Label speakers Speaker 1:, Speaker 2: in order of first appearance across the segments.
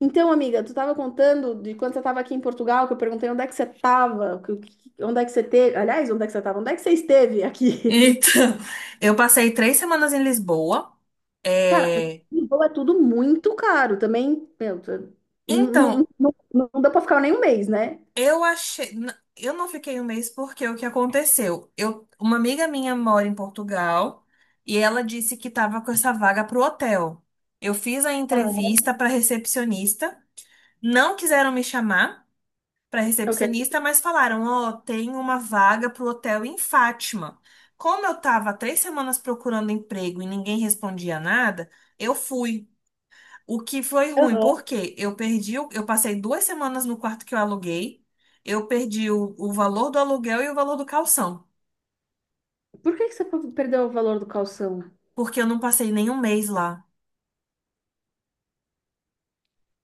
Speaker 1: Então, amiga, tu estava contando de quando você estava aqui em Portugal, que eu perguntei onde é que você estava, onde é que você teve, aliás, onde é que você estava, onde é que você esteve
Speaker 2: Então,
Speaker 1: aqui?
Speaker 2: eu passei 3 semanas em Lisboa.
Speaker 1: Cara,
Speaker 2: É,
Speaker 1: Lisboa é tudo muito caro também, meu, não, não,
Speaker 2: então,
Speaker 1: não, não dá pra ficar nem um mês, né?
Speaker 2: eu não fiquei um mês porque o que aconteceu? Uma amiga minha mora em Portugal e ela disse que estava com essa vaga para o hotel. Eu fiz a
Speaker 1: Ah,
Speaker 2: entrevista para recepcionista, não quiseram me chamar para
Speaker 1: ok.
Speaker 2: recepcionista, mas falaram: "Ó, tem uma vaga para o hotel em Fátima." Como eu estava 3 semanas procurando emprego e ninguém respondia nada, eu fui. O que foi ruim,
Speaker 1: Aham.
Speaker 2: porque eu passei 2 semanas no quarto que eu aluguei, eu perdi o valor do aluguel e o valor do calção,
Speaker 1: Por que que você perdeu o valor do calção?
Speaker 2: porque eu não passei nenhum mês lá,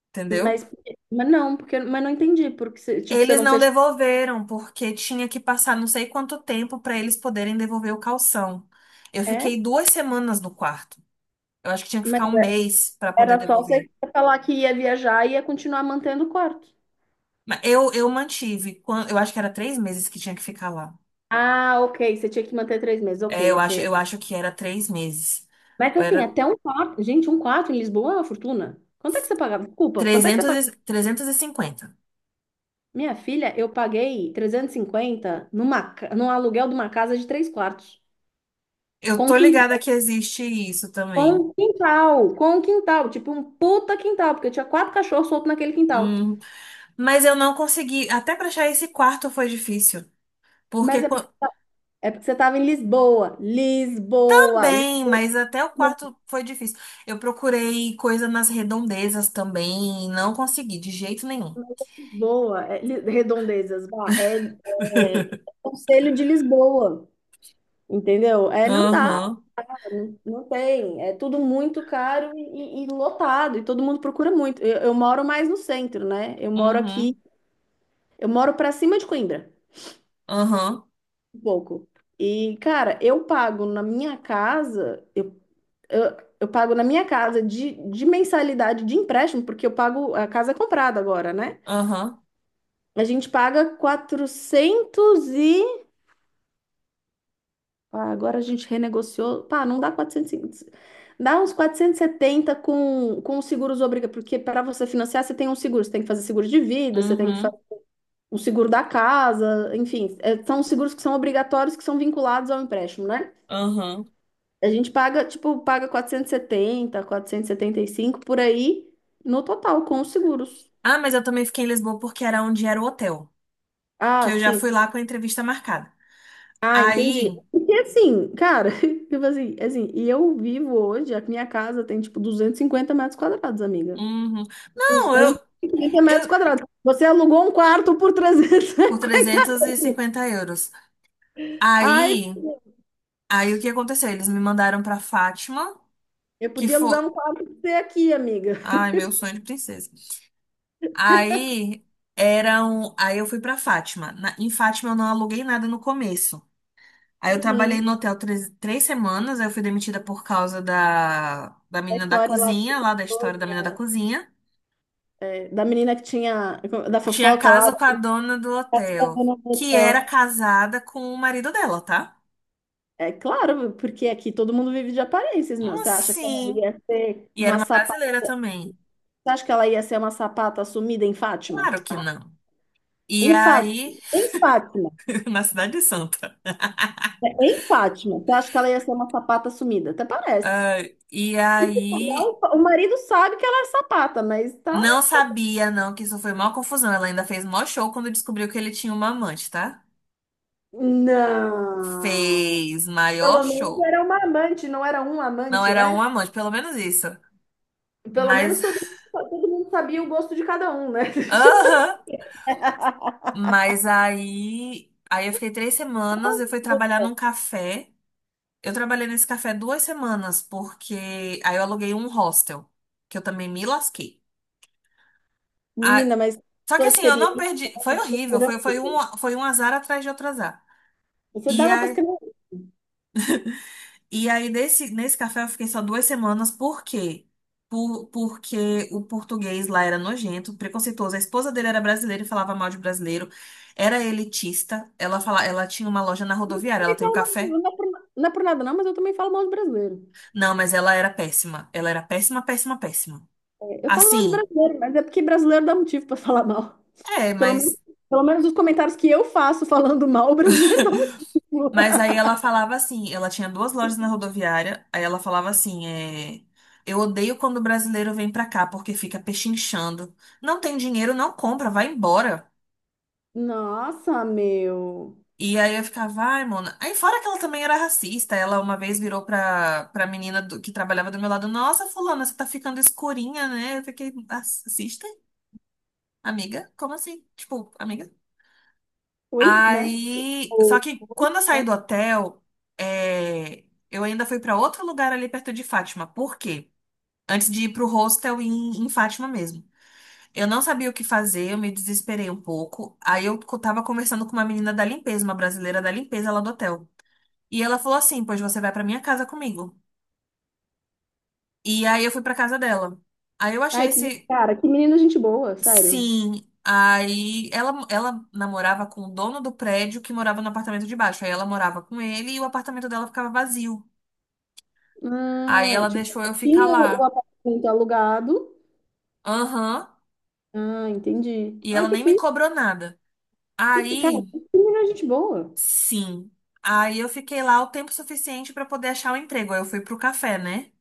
Speaker 2: entendeu?
Speaker 1: Mas, mas não, porque, mas não entendi, porque, tipo, você
Speaker 2: Eles
Speaker 1: não
Speaker 2: não
Speaker 1: fechou,
Speaker 2: devolveram, porque tinha que passar não sei quanto tempo para eles poderem devolver o calção. Eu
Speaker 1: é?
Speaker 2: fiquei 2 semanas no quarto. Eu acho que tinha que
Speaker 1: Mas
Speaker 2: ficar um mês para poder
Speaker 1: era só você
Speaker 2: devolver.
Speaker 1: falar que ia viajar e ia continuar mantendo o corte.
Speaker 2: Mas eu mantive, eu acho que era 3 meses que tinha que ficar lá.
Speaker 1: Ah, ok. Você tinha que manter 3 meses.
Speaker 2: É,
Speaker 1: Ok,
Speaker 2: eu acho,
Speaker 1: ok.
Speaker 2: eu acho que era três meses.
Speaker 1: Mas assim,
Speaker 2: Era
Speaker 1: até um quarto. Gente, um quarto em Lisboa é uma fortuna. Quanto é que você pagava? Desculpa, quanto é que você
Speaker 2: trezentos e,
Speaker 1: pagava?
Speaker 2: trezentos e cinquenta.
Speaker 1: Minha filha, eu paguei 350 num aluguel de uma casa de 3 quartos.
Speaker 2: Eu
Speaker 1: Com
Speaker 2: tô ligada
Speaker 1: quintal.
Speaker 2: que existe isso
Speaker 1: Com
Speaker 2: também.
Speaker 1: quintal. Com quintal. Tipo um puta quintal, porque eu tinha quatro cachorros soltos naquele quintal.
Speaker 2: Hum, mas eu não consegui. Até pra achar esse quarto foi difícil. Porque
Speaker 1: Mas é porque, é porque você tava em Lisboa. Lisboa.
Speaker 2: também, mas até o
Speaker 1: Lisboa.
Speaker 2: quarto foi difícil. Eu procurei coisa nas redondezas também e não consegui de jeito nenhum.
Speaker 1: Lisboa. É, redondezas. Vá, é Conselho de Lisboa. Entendeu? É, não dá.
Speaker 2: Aham.
Speaker 1: Não, não tem, é tudo muito caro e, lotado, e todo mundo procura muito. Eu moro mais no centro, né? Eu moro aqui,
Speaker 2: Uhum.
Speaker 1: eu moro pra cima de Coimbra,
Speaker 2: Aham.
Speaker 1: um pouco. E, cara, eu pago na minha casa, eu, eu pago na minha casa de, mensalidade de empréstimo, porque eu pago, a casa é comprada agora, né?
Speaker 2: Aham.
Speaker 1: A gente paga 400 e. Ah, agora a gente renegociou. Pá, não dá 400, dá uns 470 com, os seguros obrigatórios, porque para você financiar, você tem um seguro, você tem que fazer seguro de vida, você tem que fazer
Speaker 2: Uhum.
Speaker 1: o seguro da casa, enfim, é, são os seguros que são obrigatórios, que são vinculados ao empréstimo, né?
Speaker 2: Aham.
Speaker 1: A gente paga, tipo, paga quatrocentos quatrocentos e setenta quatrocentos e setenta e cinco por aí no total com os seguros.
Speaker 2: Ah, mas eu também fiquei em Lisboa porque era onde era o hotel. Que
Speaker 1: Ah,
Speaker 2: eu já
Speaker 1: sim.
Speaker 2: fui lá com a entrevista marcada.
Speaker 1: Ah, entendi.
Speaker 2: Aí.
Speaker 1: Porque assim, cara, tipo assim, e eu vivo hoje, a minha casa tem tipo 250 metros quadrados, amiga.
Speaker 2: Uhum. Não,
Speaker 1: 250 metros
Speaker 2: eu,
Speaker 1: quadrados. Você alugou um quarto por trezentos e
Speaker 2: por
Speaker 1: cinquenta.
Speaker 2: 350 euros.
Speaker 1: Ai,
Speaker 2: Aí, aí, o que aconteceu? Eles me mandaram pra Fátima,
Speaker 1: eu
Speaker 2: que
Speaker 1: podia
Speaker 2: foi,
Speaker 1: alugar um quarto pra você aqui, amiga.
Speaker 2: ai, meu sonho de princesa. Aí aí eu fui pra Fátima. Em Fátima eu não aluguei nada no começo. Aí eu trabalhei
Speaker 1: Uhum.
Speaker 2: no hotel três semanas, aí eu fui demitida por causa da
Speaker 1: A
Speaker 2: menina da
Speaker 1: história lá que você
Speaker 2: cozinha, lá da
Speaker 1: contou,
Speaker 2: história da menina
Speaker 1: né?
Speaker 2: da cozinha.
Speaker 1: É, da menina que tinha, da
Speaker 2: Tinha
Speaker 1: fofoca lá,
Speaker 2: casa
Speaker 1: da
Speaker 2: com a dona do hotel,
Speaker 1: classificadora do
Speaker 2: que
Speaker 1: hotel.
Speaker 2: era casada com o marido dela, tá?
Speaker 1: É claro, porque aqui todo mundo vive de aparências, meu.
Speaker 2: Então,
Speaker 1: Você acha que ela
Speaker 2: assim.
Speaker 1: ia ser
Speaker 2: E era
Speaker 1: uma
Speaker 2: uma
Speaker 1: sapata?
Speaker 2: brasileira também.
Speaker 1: Você acha que ela ia ser uma sapata sumida em Fátima?
Speaker 2: Claro que
Speaker 1: Ah,
Speaker 2: não. E
Speaker 1: em Fátima.
Speaker 2: aí,
Speaker 1: Em Fátima.
Speaker 2: na Cidade de Santa.
Speaker 1: É, em Fátima. Você acha que ela ia ser uma sapata sumida? Até parece.
Speaker 2: E
Speaker 1: E se falar,
Speaker 2: aí,
Speaker 1: o marido sabe que ela é sapata, mas
Speaker 2: não
Speaker 1: tá.
Speaker 2: sabia, não, que isso foi maior confusão. Ela ainda fez maior show quando descobriu que ele tinha uma amante, tá?
Speaker 1: Não.
Speaker 2: Fez maior
Speaker 1: Pelo menos
Speaker 2: show.
Speaker 1: era uma amante, não era um
Speaker 2: Não
Speaker 1: amante,
Speaker 2: era um
Speaker 1: né?
Speaker 2: amante, pelo menos isso.
Speaker 1: Pelo menos
Speaker 2: Mas,
Speaker 1: todo mundo sabia o gosto de cada um, né?
Speaker 2: aham. Mas aí eu fiquei 3 semanas, eu fui trabalhar num café. Eu trabalhei nesse café 2 semanas, porque aí eu aluguei um hostel, que eu também me lasquei.
Speaker 1: Menina, mas
Speaker 2: Só que
Speaker 1: sua
Speaker 2: assim, eu não
Speaker 1: experiência
Speaker 2: perdi. Foi horrível.
Speaker 1: será
Speaker 2: Foi, foi, um,
Speaker 1: horrível.
Speaker 2: foi um azar atrás de outro azar.
Speaker 1: Você
Speaker 2: E,
Speaker 1: dava pra
Speaker 2: a,
Speaker 1: escrever. Eu
Speaker 2: e aí, nesse café, eu fiquei só duas semanas. Por quê? Porque o português lá era nojento, preconceituoso. A esposa dele era brasileira e falava mal de brasileiro. Era elitista. Ela tinha uma loja na rodoviária. Ela
Speaker 1: também
Speaker 2: tem um
Speaker 1: falo mal de-
Speaker 2: café.
Speaker 1: Não é por nada, não, mas eu também falo mal de brasileiro.
Speaker 2: Não, mas ela era péssima. Ela era péssima, péssima, péssima.
Speaker 1: É, eu falo mal de
Speaker 2: Assim,
Speaker 1: brasileiro, mas é porque brasileiro dá motivo pra falar mal.
Speaker 2: é,
Speaker 1: Pelo menos,
Speaker 2: mas.
Speaker 1: pelo menos os comentários que eu faço falando mal, o brasileiro dá motivo.
Speaker 2: Mas aí ela falava assim, ela tinha 2 lojas na rodoviária, aí ela falava assim, eu odeio quando o brasileiro vem pra cá, porque fica pechinchando. Não tem dinheiro, não compra, vai embora.
Speaker 1: Nossa, meu.
Speaker 2: E aí eu ficava, ai, mona. Aí fora que ela também era racista, ela uma vez virou pra menina que trabalhava do meu lado, nossa, fulana, você tá ficando escurinha, né? Eu fiquei, racista? Amiga? Como assim? Tipo, amiga?
Speaker 1: Oi, né?
Speaker 2: Aí, só
Speaker 1: Ou,
Speaker 2: que
Speaker 1: oi,
Speaker 2: quando eu saí
Speaker 1: né?
Speaker 2: do hotel, é, eu ainda fui pra outro lugar ali perto de Fátima. Por quê? Antes de ir pro hostel em Fátima mesmo. Eu não sabia o que fazer, eu me desesperei um pouco. Aí eu tava conversando com uma menina da limpeza, uma brasileira da limpeza lá do hotel. E ela falou assim: "Pois você vai pra minha casa comigo". E aí eu fui pra casa dela. Aí eu achei
Speaker 1: Ai, que
Speaker 2: esse
Speaker 1: cara, que menina gente boa, sério.
Speaker 2: Sim, aí ela namorava com o dono do prédio que morava no apartamento de baixo. Aí ela morava com ele e o apartamento dela ficava vazio. Aí
Speaker 1: Ah,
Speaker 2: ela
Speaker 1: tipo,
Speaker 2: deixou eu ficar
Speaker 1: tinha o
Speaker 2: lá.
Speaker 1: apartamento alugado.
Speaker 2: Aham.
Speaker 1: Ah, entendi.
Speaker 2: E
Speaker 1: Ai,
Speaker 2: ela nem me cobrou nada.
Speaker 1: cara,
Speaker 2: Aí,
Speaker 1: que menina gente boa.
Speaker 2: sim. Aí eu fiquei lá o tempo suficiente pra poder achar um emprego. Aí eu fui pro café, né?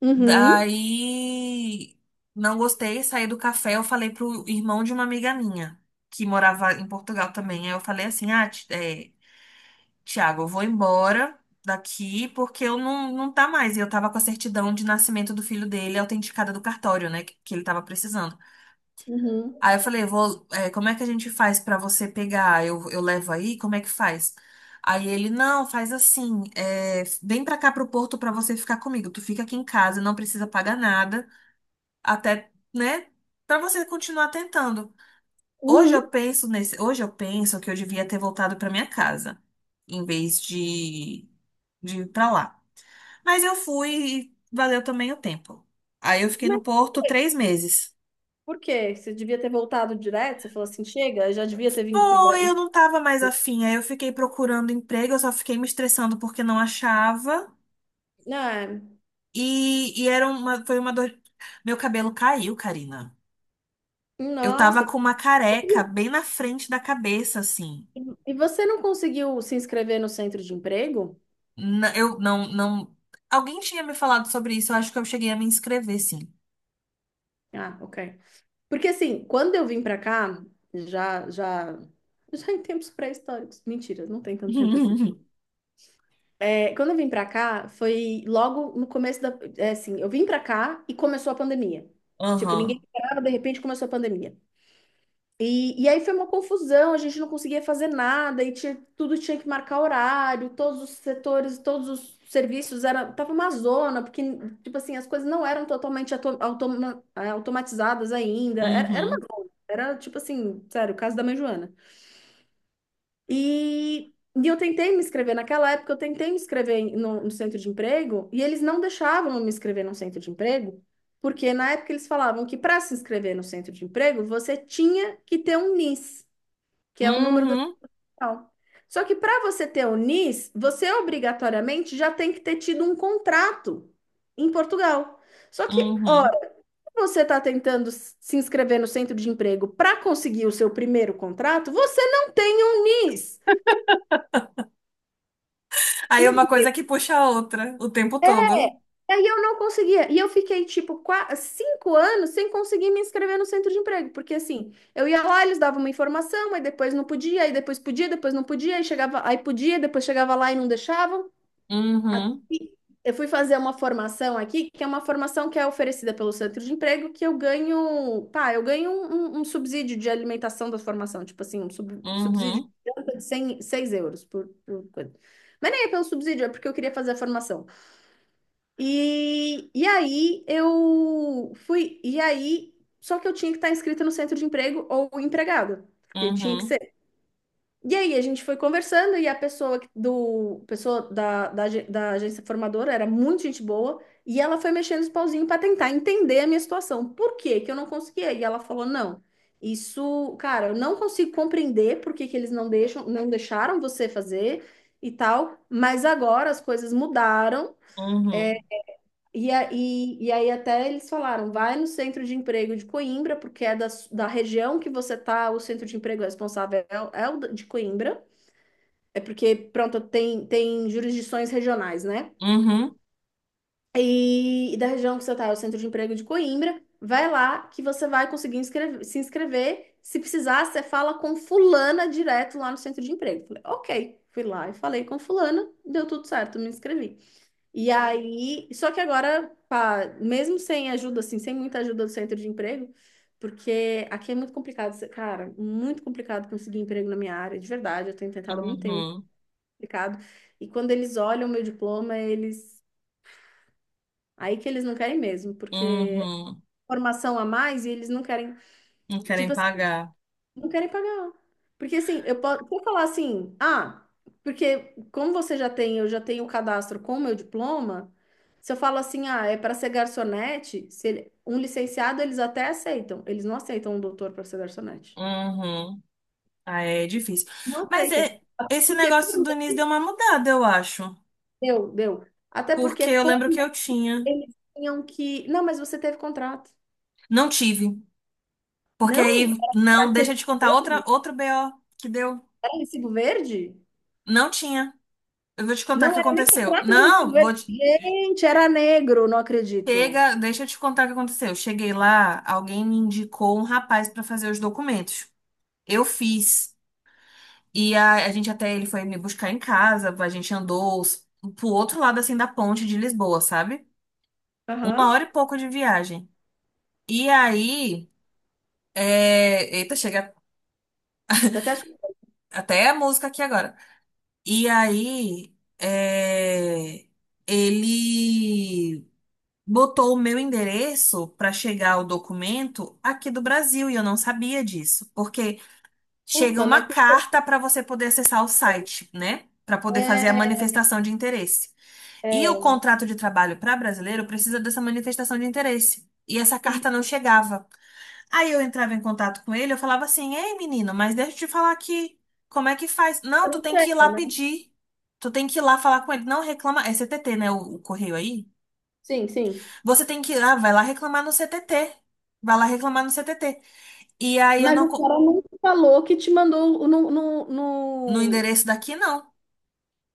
Speaker 1: Uhum,
Speaker 2: Daí não gostei, saí do café. Eu falei pro irmão de uma amiga minha que morava em Portugal também. Aí eu falei assim: ah, Tiago, eu vou embora daqui porque eu não, não tá mais. E eu tava com a certidão de nascimento do filho dele autenticada do cartório, né? Que ele tava precisando.
Speaker 1: uhum,
Speaker 2: Aí eu falei, como é que a gente faz pra você pegar? Eu levo aí? Como é que faz? Aí ele, não, faz assim, vem pra cá pro Porto pra você ficar comigo. Tu fica aqui em casa, não precisa pagar nada, até, né? Pra você continuar tentando. Hoje
Speaker 1: uhum.
Speaker 2: eu penso nesse, hoje eu penso que eu devia ter voltado pra minha casa, em vez de ir pra lá. Mas eu fui e valeu também o tempo. Aí eu fiquei no
Speaker 1: Mas
Speaker 2: Porto 3 meses.
Speaker 1: por quê? Você devia ter voltado direto? Você falou assim, chega, eu já devia ter vindo pro
Speaker 2: Pô,
Speaker 1: Brasil.
Speaker 2: eu não tava mais afim. Aí eu fiquei procurando emprego, eu só fiquei me estressando porque não achava.
Speaker 1: Ah,
Speaker 2: E foi uma dor. Meu cabelo caiu, Karina. Eu tava
Speaker 1: nossa.
Speaker 2: com uma careca bem na frente da cabeça, assim.
Speaker 1: E você não conseguiu se inscrever no centro de emprego?
Speaker 2: Eu não, não. Alguém tinha me falado sobre isso, eu acho que eu cheguei a me inscrever, sim.
Speaker 1: Ah, ok. Porque assim, quando eu vim pra cá, já, já, já em tempos pré-históricos. Mentira, não tem tanto tempo assim. É, quando eu vim pra cá, foi logo no começo da, é, assim, eu vim pra cá e começou a pandemia. Tipo, ninguém
Speaker 2: Aham.
Speaker 1: esperava, de repente começou a pandemia. E aí foi uma confusão, a gente não conseguia fazer nada, e tinha, tudo tinha que marcar horário, todos os setores, todos os serviços, era, tava uma zona, porque, tipo assim, as coisas não eram totalmente automatizadas ainda, era, era uma
Speaker 2: Uhum.
Speaker 1: zona, era, tipo assim, sério, o caso da mãe Joana. E, e eu tentei me inscrever, naquela época eu tentei me inscrever no centro de emprego, e eles não deixavam eu me inscrever no centro de emprego, porque na época eles falavam que para se inscrever no centro de emprego, você tinha que ter um NIS que é o número da
Speaker 2: Uhum.
Speaker 1: central. Só que para você ter o NIS, você obrigatoriamente já tem que ter tido um contrato em Portugal. Só que,
Speaker 2: Uhum. Uhum.
Speaker 1: ora, você está tentando se inscrever no centro de emprego para conseguir o seu primeiro contrato, você não tem um NIS.
Speaker 2: Aí
Speaker 1: E
Speaker 2: é uma coisa que puxa a outra o tempo todo.
Speaker 1: é, e aí eu não conseguia. E eu fiquei, tipo, quase 5 anos sem conseguir me inscrever no centro de emprego. Porque, assim, eu ia lá, eles davam uma informação, aí depois não podia, aí depois podia, depois não podia, aí chegava, aí podia, depois chegava lá e não deixavam. Até
Speaker 2: Uhum.
Speaker 1: que eu fui fazer uma formação aqui, que é uma formação que é oferecida pelo centro de emprego, que eu ganho, pá, eu ganho um subsídio de alimentação da formação, tipo assim, um subsídio de
Speaker 2: Uhum.
Speaker 1: janta de 100, 6 € por, coisa. Mas nem é pelo subsídio, é porque eu queria fazer a formação. E aí eu fui, e aí, só que eu tinha que estar inscrita no centro de emprego ou empregado, porque tinha que
Speaker 2: Uhum.
Speaker 1: ser e aí a gente foi conversando e a pessoa que- do pessoa da agência formadora era muito gente boa e ela foi mexendo os pauzinhos para tentar entender a minha situação. Por que que eu não conseguia? E ela falou: "Não, isso, cara, eu não consigo compreender por que que eles não deixam, não deixaram você fazer e tal, mas agora as coisas mudaram. é,
Speaker 2: Uhum.
Speaker 1: e aí até eles falaram, vai no centro de emprego de Coimbra, porque é da região que você tá, o centro de emprego responsável é o de Coimbra. É porque, pronto, tem jurisdições regionais, né?
Speaker 2: Uhum.
Speaker 1: E da região que você está, o Centro de Emprego de Coimbra, vai lá que você vai conseguir se inscrever. Se precisar, você fala com fulana direto lá no Centro de Emprego. Falei, ok. Fui lá e falei com fulana, deu tudo certo, me inscrevi. E aí, só que agora, pá, mesmo sem ajuda, assim, sem muita ajuda do Centro de Emprego, porque aqui é muito complicado, cara, muito complicado conseguir emprego na minha área, de verdade, eu tenho tentado há muito tempo
Speaker 2: Uhum.
Speaker 1: complicado. E quando eles olham o meu diploma, eles. Aí que eles não querem mesmo, porque é
Speaker 2: Uhum.
Speaker 1: formação a mais e eles não querem.
Speaker 2: Não querem
Speaker 1: Tipo assim,
Speaker 2: pagar.
Speaker 1: não querem pagar. Porque assim, eu posso se eu falar assim, ah, porque como você já tem, eu já tenho o cadastro com o meu diploma, se eu falo assim, ah, é para ser garçonete, se ele- um licenciado eles até aceitam. Eles não aceitam um doutor para ser garçonete.
Speaker 2: Uhum. Aí é difícil.
Speaker 1: Não
Speaker 2: Mas
Speaker 1: aceitam.
Speaker 2: esse
Speaker 1: Porque por
Speaker 2: negócio do NIS
Speaker 1: lei,
Speaker 2: deu uma mudada, eu acho.
Speaker 1: deu, deu. Até porque
Speaker 2: Porque eu
Speaker 1: por
Speaker 2: lembro
Speaker 1: lei,
Speaker 2: que eu tinha.
Speaker 1: eles tinham que. Não, mas você teve contrato.
Speaker 2: Não tive. Porque
Speaker 1: Não,
Speaker 2: aí,
Speaker 1: era
Speaker 2: não, deixa
Speaker 1: recibo
Speaker 2: eu te contar outra,
Speaker 1: verde?
Speaker 2: outro BO que deu.
Speaker 1: Era recibo verde?
Speaker 2: Não tinha. Eu vou te contar o que
Speaker 1: Não era nem
Speaker 2: aconteceu.
Speaker 1: contrato, nem recibo
Speaker 2: Não, vou
Speaker 1: verde.
Speaker 2: te.
Speaker 1: Gente, era negro, não acredito.
Speaker 2: Chega, deixa eu te contar o que aconteceu. Eu cheguei lá, alguém me indicou um rapaz para fazer os documentos. Eu fiz. E a gente até ele foi me buscar em casa, a gente andou pro outro lado assim da ponte de Lisboa, sabe? Uma
Speaker 1: Aham.
Speaker 2: hora e pouco de viagem. E aí, eita, chega
Speaker 1: Tô até achando,
Speaker 2: até a música aqui agora. E aí, ele botou o meu endereço para chegar o documento aqui do Brasil e eu não sabia disso, porque chega
Speaker 1: puta,
Speaker 2: uma
Speaker 1: mas que
Speaker 2: carta para você poder acessar o site, né? Para poder fazer a manifestação de interesse. E o
Speaker 1: é,
Speaker 2: contrato de trabalho para brasileiro precisa dessa manifestação de interesse. E essa
Speaker 1: sim,
Speaker 2: carta não chegava. Aí eu entrava em contato com ele, eu falava assim: "Ei, menino, mas deixa eu te falar aqui. Como é que faz?" Não, tu
Speaker 1: não
Speaker 2: tem que ir
Speaker 1: chega,
Speaker 2: lá
Speaker 1: né?
Speaker 2: pedir. Tu tem que ir lá falar com ele. Não reclama. É CTT, né? O correio aí.
Speaker 1: Sim, sim.
Speaker 2: Você tem que ir lá, vai lá reclamar no CTT. Vai lá reclamar no CTT. E aí eu
Speaker 1: Mas
Speaker 2: não.
Speaker 1: o cara não falou que te mandou
Speaker 2: No
Speaker 1: no...
Speaker 2: endereço daqui, não.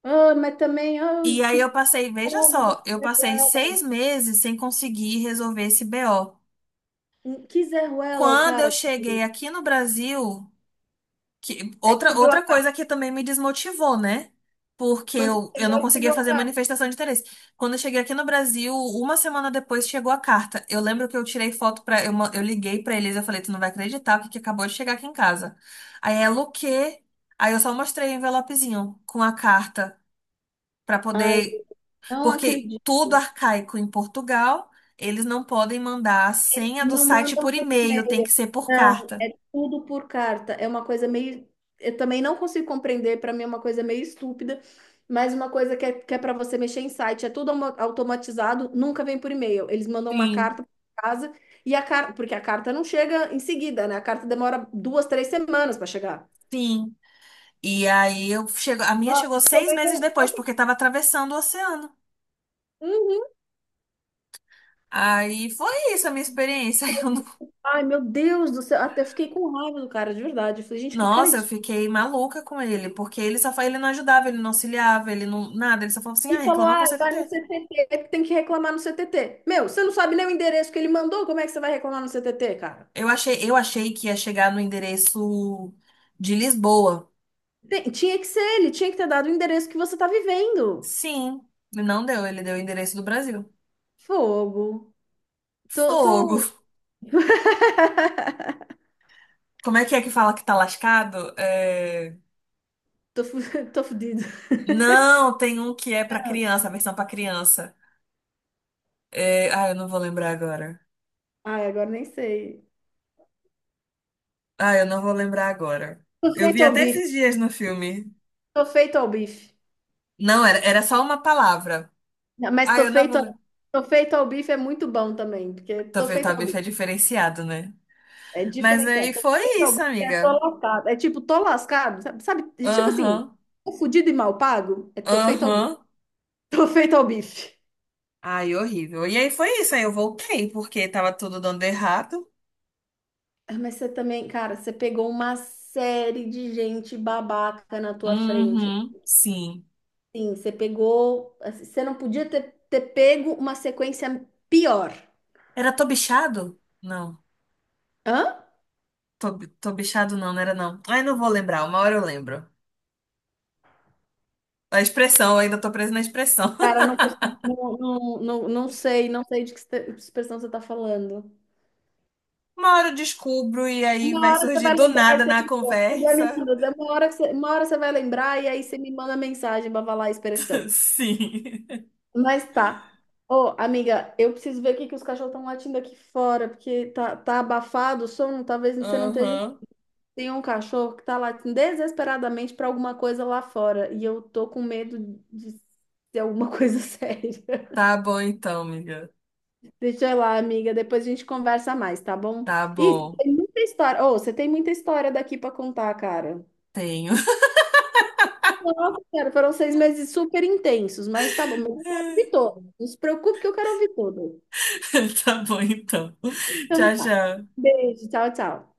Speaker 1: Ah, mas também, ah,
Speaker 2: E aí eu
Speaker 1: que
Speaker 2: passei, veja
Speaker 1: como que
Speaker 2: só, eu
Speaker 1: Zé
Speaker 2: passei
Speaker 1: Ruela,
Speaker 2: 6 meses sem conseguir resolver esse BO.
Speaker 1: hum, que Zé Ruela, o
Speaker 2: Quando eu
Speaker 1: cara que...
Speaker 2: cheguei aqui no Brasil, que,
Speaker 1: É que
Speaker 2: outra,
Speaker 1: você viu
Speaker 2: outra
Speaker 1: a cara.
Speaker 2: coisa que também me desmotivou, né? Porque
Speaker 1: Quando você
Speaker 2: eu
Speaker 1: chegou,
Speaker 2: não
Speaker 1: você
Speaker 2: conseguia
Speaker 1: viu a
Speaker 2: fazer
Speaker 1: cara.
Speaker 2: manifestação de interesse. Quando eu cheguei aqui no Brasil, uma semana depois chegou a carta. Eu lembro que eu tirei foto pra. Eu liguei pra eles, eu falei, tu não vai acreditar o que que acabou de chegar aqui em casa. Aí ela, o quê? Aí eu só mostrei o envelopezinho com a carta pra
Speaker 1: Ai,
Speaker 2: poder.
Speaker 1: não
Speaker 2: Porque
Speaker 1: acredito.
Speaker 2: tudo arcaico em Portugal, eles não podem mandar a senha do
Speaker 1: Não
Speaker 2: site
Speaker 1: mandam
Speaker 2: por
Speaker 1: por
Speaker 2: e-mail, tem
Speaker 1: e-mail.
Speaker 2: que ser por
Speaker 1: Não,
Speaker 2: carta.
Speaker 1: é tudo por carta. É uma coisa meio. Eu também não consigo compreender, para mim é uma coisa meio estúpida, mas uma coisa que é para você mexer em site. É tudo automatizado, nunca vem por e-mail. Eles mandam uma
Speaker 2: Sim.
Speaker 1: carta para casa e a carta. Porque a carta não chega em seguida, né? A carta demora 2, 3 semanas para chegar.
Speaker 2: Sim. E aí eu chego, a minha
Speaker 1: Nossa,
Speaker 2: chegou
Speaker 1: eu
Speaker 2: seis
Speaker 1: também
Speaker 2: meses depois,
Speaker 1: não tem-
Speaker 2: porque estava atravessando o oceano.
Speaker 1: Uhum.
Speaker 2: Aí foi isso a minha experiência. Eu não.
Speaker 1: Ai, meu Deus do céu, até fiquei com raiva do cara, de verdade. Eu falei, gente, que cara.
Speaker 2: Nossa, eu fiquei maluca com ele, porque ele não ajudava, ele não auxiliava, ele não nada, ele só falava assim: "Ah,
Speaker 1: Ele falou,
Speaker 2: reclama com
Speaker 1: ah,
Speaker 2: o
Speaker 1: vai no
Speaker 2: CTT".
Speaker 1: CTT, é que tem que reclamar no CTT. Meu, você não sabe nem o endereço que ele mandou, como é que você vai reclamar no CTT, cara?
Speaker 2: Eu achei que ia chegar no endereço de Lisboa.
Speaker 1: Tinha que ser ele, tinha que ter dado o endereço que você tá vivendo.
Speaker 2: Sim, não deu, ele deu o endereço do Brasil.
Speaker 1: Fogo. Tô,
Speaker 2: Fogo.
Speaker 1: tô,
Speaker 2: Como é que fala que tá lascado? É,
Speaker 1: tô, fu- tô fudido.
Speaker 2: não, tem um que é pra criança, a versão pra criança. É, ah, eu não vou lembrar agora.
Speaker 1: Ai, agora nem sei.
Speaker 2: Ah, eu não vou lembrar agora.
Speaker 1: Tô
Speaker 2: Eu
Speaker 1: feito
Speaker 2: vi
Speaker 1: ao
Speaker 2: até
Speaker 1: bife,
Speaker 2: esses dias no filme.
Speaker 1: tô feito ao bife.
Speaker 2: Não, era só uma palavra.
Speaker 1: Não, mas
Speaker 2: Ah,
Speaker 1: tô
Speaker 2: eu não vou
Speaker 1: feito,
Speaker 2: lembrar.
Speaker 1: tô feito ao bife é muito bom também, porque tô
Speaker 2: Talvez
Speaker 1: feito
Speaker 2: tá
Speaker 1: ao
Speaker 2: bife é
Speaker 1: bife.
Speaker 2: diferenciado, né?
Speaker 1: É
Speaker 2: Mas aí
Speaker 1: diferenciado.
Speaker 2: foi isso,
Speaker 1: É tô
Speaker 2: amiga.
Speaker 1: lascado. É tipo, tô lascado, sabe? Tipo assim,
Speaker 2: Aham.
Speaker 1: tô fudido e mal pago. É tô feito ao bife.
Speaker 2: Aham.
Speaker 1: Tô feito ao bife.
Speaker 2: Ai, horrível. E aí foi isso, aí eu voltei, porque tava tudo dando errado.
Speaker 1: Ah, mas você também, cara, você pegou uma série de gente babaca na tua frente.
Speaker 2: Uhum, sim.
Speaker 1: Sim, você pegou. Assim, você não podia ter, pego uma sequência pior.
Speaker 2: Era tô bichado? Não.
Speaker 1: Hã?
Speaker 2: Tô bichado não, não era não. Ai, não vou lembrar, uma hora eu lembro. A expressão, eu ainda tô presa na expressão.
Speaker 1: Cara, não consigo, não, não, não, não sei de que expressão você tá falando.
Speaker 2: Uma hora eu descubro e aí vai
Speaker 1: Uma hora você
Speaker 2: surgir
Speaker 1: vai
Speaker 2: do
Speaker 1: lembrar
Speaker 2: nada
Speaker 1: e você
Speaker 2: na
Speaker 1: me conta. Você vai me
Speaker 2: conversa.
Speaker 1: mandando. Uma hora você vai lembrar e aí você me manda mensagem pra falar a expressão.
Speaker 2: Sim.
Speaker 1: Mas tá. Ô, amiga, eu preciso ver o que que os cachorros estão latindo aqui fora, porque tá, abafado o som. Talvez você não esteja.
Speaker 2: Aham.
Speaker 1: Tem um cachorro que tá latindo desesperadamente pra alguma coisa lá fora. E eu tô com medo de ser alguma coisa séria.
Speaker 2: Tá bom então, amiga.
Speaker 1: Deixa eu ir lá, amiga. Depois a gente conversa mais, tá bom?
Speaker 2: Tá
Speaker 1: Ih,
Speaker 2: bom.
Speaker 1: tem muita história. Ô, você tem muita história daqui pra contar, cara.
Speaker 2: Tenho.
Speaker 1: Nossa, cara, foram 6 meses super intensos, mas tá bom, mas eu quero ouvir todo. Não se preocupe que eu quero ouvir todo.
Speaker 2: Tá bom então.
Speaker 1: Então
Speaker 2: Tchau,
Speaker 1: tá.
Speaker 2: tchau.
Speaker 1: Beijo, tchau, tchau.